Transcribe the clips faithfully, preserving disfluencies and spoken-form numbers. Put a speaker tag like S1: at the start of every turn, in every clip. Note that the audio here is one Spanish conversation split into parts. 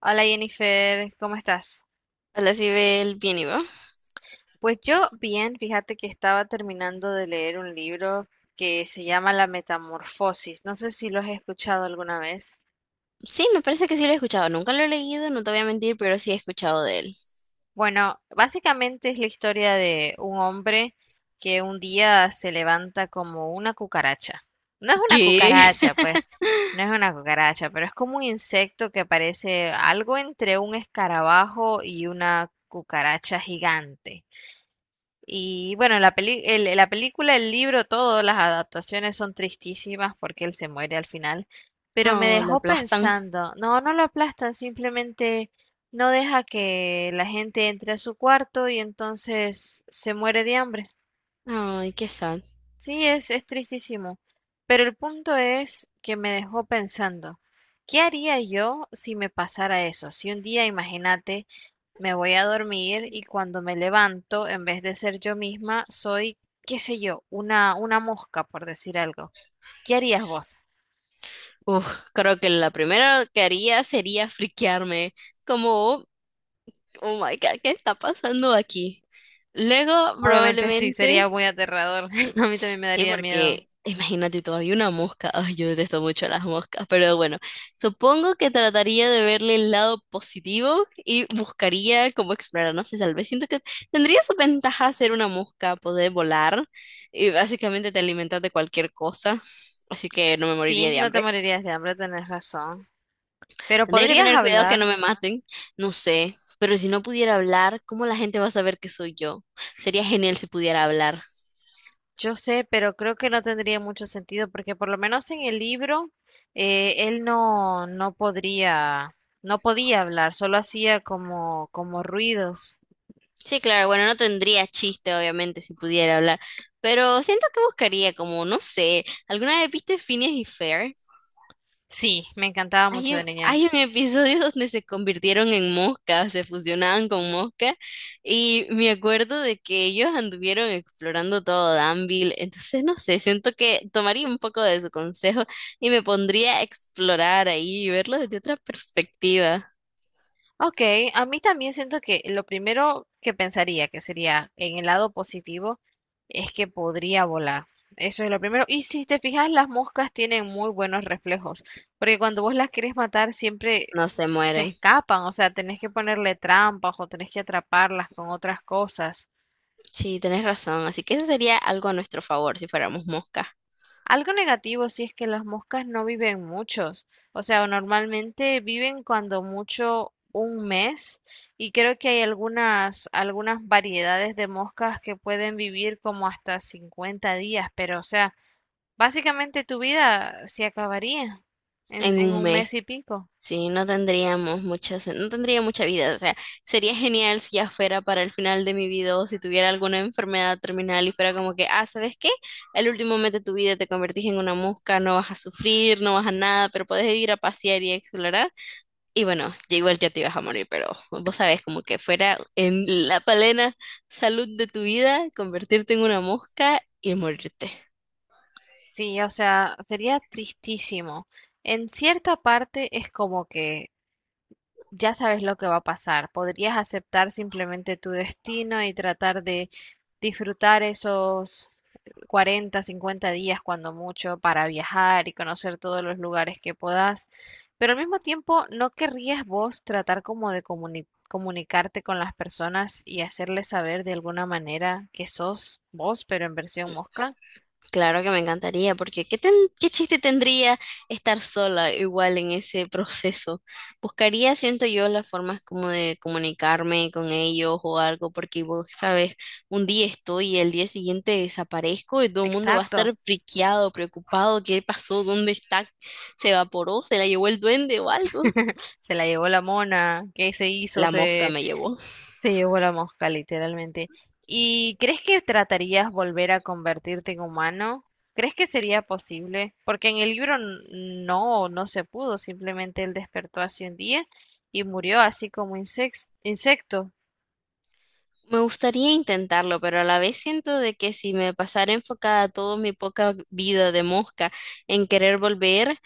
S1: Hola Jennifer, ¿cómo estás?
S2: Hola, si ve el bien y va.
S1: Pues yo bien, fíjate que estaba terminando de leer un libro que se llama La Metamorfosis. No sé si lo has escuchado alguna vez.
S2: Sí, me parece que sí lo he escuchado. Nunca lo he leído, no te voy a mentir, pero sí he escuchado de él.
S1: Bueno, básicamente es la historia de un hombre que un día se levanta como una cucaracha. No es una
S2: ¿Qué?
S1: cucaracha, pues, no es una cucaracha, pero es como un insecto que parece algo entre un escarabajo y una cucaracha gigante. Y bueno, la peli- el- la película, el libro, todas las adaptaciones son tristísimas porque él se muere al final. Pero me
S2: No lo
S1: dejó
S2: aplastan.
S1: pensando, no, no lo aplastan, simplemente no deja que la gente entre a su cuarto y entonces se muere de hambre.
S2: Ay, qué sad.
S1: Sí, es, es tristísimo. Pero el punto es que me dejó pensando, ¿qué haría yo si me pasara eso? Si un día, imagínate, me voy a dormir y cuando me levanto, en vez de ser yo misma, soy, qué sé yo, una, una mosca, por decir algo. ¿Qué harías vos?
S2: Uf, creo que la primera que haría sería friquearme. Como, oh, my God, ¿qué está pasando aquí? Luego,
S1: Obviamente sí,
S2: probablemente.
S1: sería muy aterrador. A mí también me
S2: Sí,
S1: daría miedo.
S2: porque imagínate, todavía una mosca. Ay, yo detesto mucho las moscas, pero bueno, supongo que trataría de verle el lado positivo y buscaría cómo explorar. No sé, tal vez siento que tendría su ventaja ser una mosca, poder volar y básicamente te alimentas de cualquier cosa, así que no me moriría
S1: Sí,
S2: de
S1: no te
S2: hambre.
S1: morirías de hambre, tenés razón. Pero
S2: Tendría que
S1: podrías
S2: tener cuidado que
S1: hablar,
S2: no me maten, no sé, pero si no pudiera hablar, ¿cómo la gente va a saber que soy yo? Sería genial si pudiera hablar.
S1: yo sé, pero creo que no tendría mucho sentido porque por lo menos en el libro eh, él no, no podría, no podía hablar, solo hacía como, como ruidos.
S2: Sí, claro, bueno, no tendría chiste, obviamente, si pudiera hablar, pero siento que buscaría como, no sé, ¿alguna vez viste Phineas y Fer?
S1: Sí, me encantaba mucho
S2: Hay
S1: de
S2: un,
S1: niña.
S2: hay un episodio donde se convirtieron en moscas, se fusionaban con moscas, y me acuerdo de que ellos anduvieron explorando todo Danville, entonces no sé, siento que tomaría un poco de su consejo y me pondría a explorar ahí y verlo desde otra perspectiva.
S1: Ok, a mí también siento que lo primero que pensaría que sería en el lado positivo es que podría volar. Eso es lo primero. Y si te fijas, las moscas tienen muy buenos reflejos, porque cuando vos las querés matar siempre
S2: No se
S1: se
S2: mueren.
S1: escapan, o sea, tenés que ponerle trampas o tenés que atraparlas con otras cosas.
S2: Sí, tenés razón, así que eso sería algo a nuestro favor si fuéramos moscas.
S1: Algo negativo sí es que las moscas no viven muchos, o sea, normalmente viven cuando mucho un mes y creo que hay algunas, algunas variedades de moscas que pueden vivir como hasta cincuenta días, pero o sea, básicamente tu vida se acabaría en,
S2: En
S1: en
S2: un
S1: un
S2: mes,
S1: mes y pico.
S2: sí, no tendríamos muchas, no tendría mucha vida. O sea, sería genial si ya fuera para el final de mi vida o si tuviera alguna enfermedad terminal y fuera como que, ah, ¿sabes qué? El último mes de tu vida te convertís en una mosca, no vas a sufrir, no vas a nada, pero puedes ir a pasear y a explorar. Y bueno, ya igual ya te ibas a morir, pero vos sabés, como que fuera en la plena salud de tu vida, convertirte en una mosca y morirte.
S1: Sí, o sea, sería tristísimo. En cierta parte es como que ya sabes lo que va a pasar. Podrías aceptar simplemente tu destino y tratar de disfrutar esos cuarenta, cincuenta días cuando mucho para viajar y conocer todos los lugares que podás. Pero al mismo tiempo, ¿no querrías vos tratar como de comuni- comunicarte con las personas y hacerles saber de alguna manera que sos vos, pero en versión mosca?
S2: Claro que me encantaría, porque ¿qué, ten- qué chiste tendría estar sola igual en ese proceso? Buscaría, siento yo, las formas como de comunicarme con ellos o algo, porque vos sabes, un día estoy y el día siguiente desaparezco y todo el mundo va a estar
S1: Exacto.
S2: friqueado, preocupado, ¿qué pasó? ¿Dónde está? ¿Se evaporó? ¿Se la llevó el duende o algo?
S1: Se la llevó la mona. ¿Qué se hizo?
S2: La mosca
S1: Se
S2: me llevó.
S1: Se llevó la mosca, literalmente. ¿Y crees que tratarías volver a convertirte en humano? ¿Crees que sería posible? Porque en el libro n- no, no se pudo, simplemente él despertó hace un día y murió así como insex- insecto.
S2: Me gustaría intentarlo, pero a la vez siento de que si me pasara enfocada toda mi poca vida de mosca en querer volver,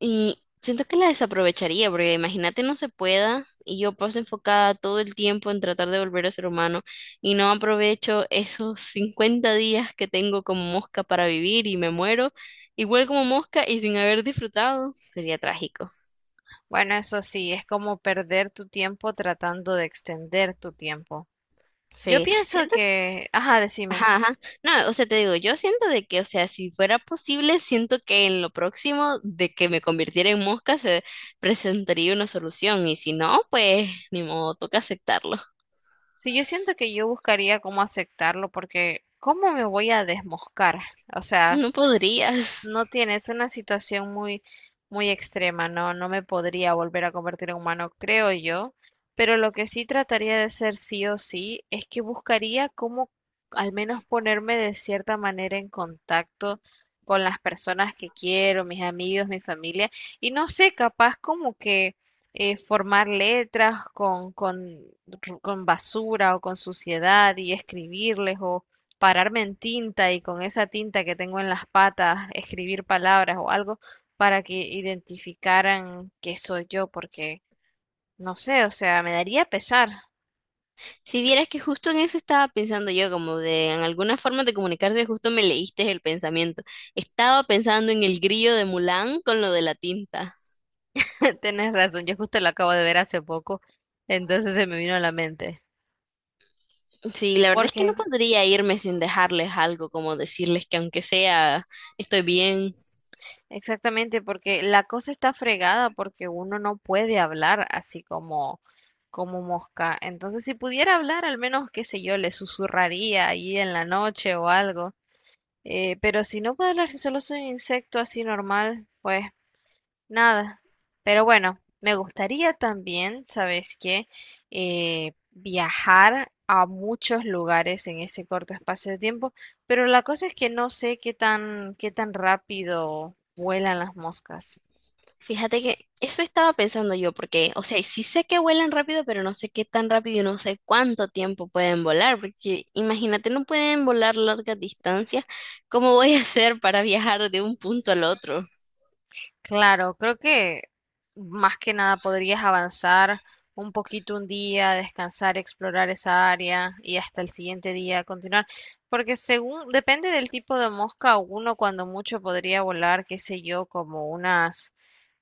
S2: y siento que la desaprovecharía, porque imagínate no se pueda y yo paso enfocada todo el tiempo en tratar de volver a ser humano y no aprovecho esos cincuenta días que tengo como mosca para vivir y me muero igual como mosca y sin haber disfrutado, sería trágico.
S1: Bueno, eso sí, es como perder tu tiempo tratando de extender tu tiempo. Yo
S2: Sí,
S1: pienso
S2: siento,
S1: que, ajá, decime,
S2: ajá, ajá. No, o sea, te digo, yo siento de que, o sea, si fuera posible, siento que en lo próximo de que me convirtiera en mosca se presentaría una solución y si no, pues ni modo, toca aceptarlo.
S1: si yo siento que yo buscaría cómo aceptarlo, porque ¿cómo me voy a desmoscar? O sea,
S2: No podrías.
S1: no tienes una situación muy, muy extrema, ¿no? No me podría volver a convertir en humano, creo yo, pero lo que sí trataría de hacer sí o sí es que buscaría cómo al menos ponerme de cierta manera en contacto con las personas que quiero, mis amigos, mi familia, y no sé, capaz como que eh, formar letras con, con, con basura o con suciedad y escribirles o pararme en tinta y con esa tinta que tengo en las patas escribir palabras o algo para que identificaran que soy yo, porque no sé, o sea, me daría pesar.
S2: Si vieras que justo en eso estaba pensando yo, como de en alguna forma de comunicarse, justo me leíste el pensamiento. Estaba pensando en el grillo de Mulan con lo de la tinta.
S1: Tienes razón, yo justo lo acabo de ver hace poco, entonces se me vino a la mente.
S2: Sí, la verdad es que no
S1: Porque,
S2: podría irme sin dejarles algo, como decirles que aunque sea, estoy bien.
S1: exactamente, porque la cosa está fregada porque uno no puede hablar así como, como mosca. Entonces, si pudiera hablar, al menos, qué sé yo, le susurraría ahí en la noche o algo. Eh, pero si no puedo hablar, si solo soy un insecto así normal, pues nada. Pero bueno, me gustaría también, ¿sabes qué? Eh, viajar a muchos lugares en ese corto espacio de tiempo, pero la cosa es que no sé qué tan, qué tan rápido vuelan las moscas.
S2: Fíjate que eso estaba pensando yo, porque, o sea, sí sé que vuelan rápido, pero no sé qué tan rápido y no sé cuánto tiempo pueden volar, porque imagínate, no pueden volar largas distancias. ¿Cómo voy a hacer para viajar de un punto al otro?
S1: Claro, creo que más que nada podrías avanzar un poquito un día, descansar, explorar esa área y hasta el siguiente día continuar, porque según depende del tipo de mosca, uno cuando mucho podría volar, qué sé yo, como unas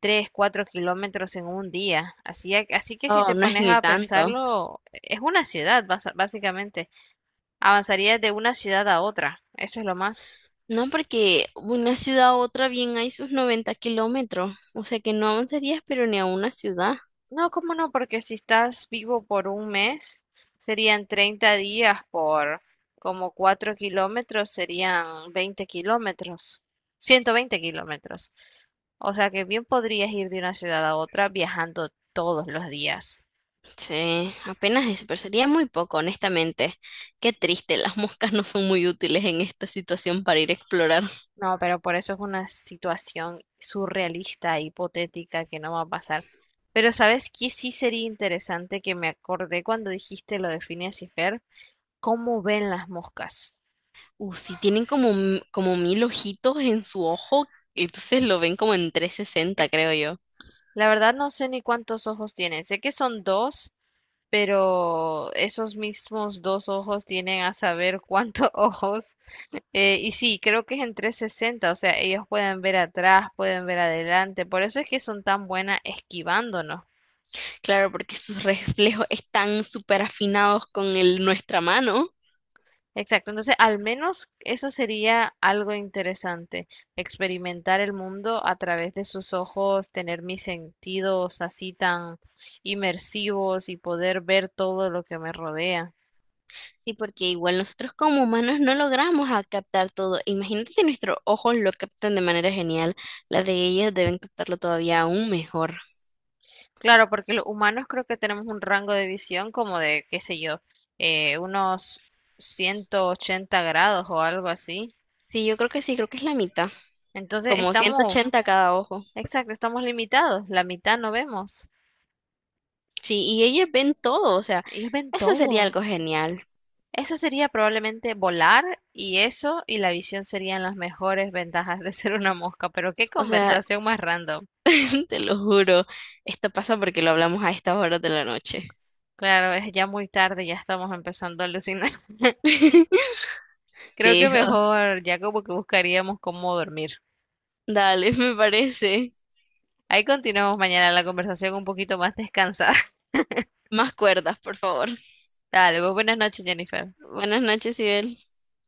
S1: tres, cuatro kilómetros en un día. Así, a- así que si
S2: Oh,
S1: te
S2: no es
S1: pones
S2: ni
S1: a
S2: tanto.
S1: pensarlo, es una ciudad, basa- básicamente. Avanzarías de una ciudad a otra, eso es lo más.
S2: No, porque una ciudad a otra bien hay sus noventa kilómetros, o sea que no avanzarías, pero ni a una ciudad.
S1: No, cómo no, porque si estás vivo por un mes, serían treinta días por como cuatro kilómetros, serían veinte kilómetros, ciento veinte kilómetros. O sea que bien podrías ir de una ciudad a otra viajando todos los días.
S2: Sí, apenas eso, pero sería muy poco, honestamente. Qué triste, las moscas no son muy útiles en esta situación para ir a explorar.
S1: No, pero por eso es una situación surrealista, hipotética, que no va a pasar. Pero ¿sabes qué? Sí sería interesante que me acordé cuando dijiste lo de Phineas y Fer, cómo ven las moscas.
S2: Uh, sí, tienen como, m- como mil ojitos en su ojo, entonces lo ven como en trescientos sesenta, creo yo.
S1: La verdad no sé ni cuántos ojos tienen. Sé que son dos, pero esos mismos dos ojos tienen a saber cuántos ojos. Eh, y sí, creo que es en trescientos sesenta, o sea, ellos pueden ver atrás, pueden ver adelante. Por eso es que son tan buenas esquivándonos.
S2: Claro, porque sus reflejos están súper afinados con el, nuestra mano.
S1: Exacto, entonces al menos eso sería algo interesante, experimentar el mundo a través de sus ojos, tener mis sentidos así tan inmersivos y poder ver todo lo que me rodea.
S2: Sí, porque igual nosotros como humanos no logramos a captar todo. Imagínate si nuestros ojos lo captan de manera genial, las de ellas deben captarlo todavía aún mejor.
S1: Claro, porque los humanos creo que tenemos un rango de visión como de, qué sé yo, eh, unos ciento ochenta grados o algo así.
S2: Sí, yo creo que sí, creo que es la mitad,
S1: Entonces
S2: como ciento
S1: estamos,
S2: ochenta cada ojo.
S1: exacto, estamos limitados, la mitad no vemos.
S2: Sí, y ellas ven todo, o sea,
S1: Ellos ven
S2: eso sería
S1: todo.
S2: algo genial.
S1: Eso sería probablemente volar y eso y la visión serían las mejores ventajas de ser una mosca, pero qué
S2: O sea,
S1: conversación más random.
S2: te lo juro, esto pasa porque lo hablamos a estas horas de la noche.
S1: Claro, es ya muy tarde, ya estamos empezando a alucinar. Creo que
S2: Sí, oh,
S1: mejor ya como que buscaríamos cómo dormir.
S2: dale, me parece.
S1: Ahí continuamos mañana la conversación un poquito más descansada.
S2: Más cuerdas, por favor.
S1: Dale, pues buenas noches, Jennifer.
S2: Buenas noches, Ibel.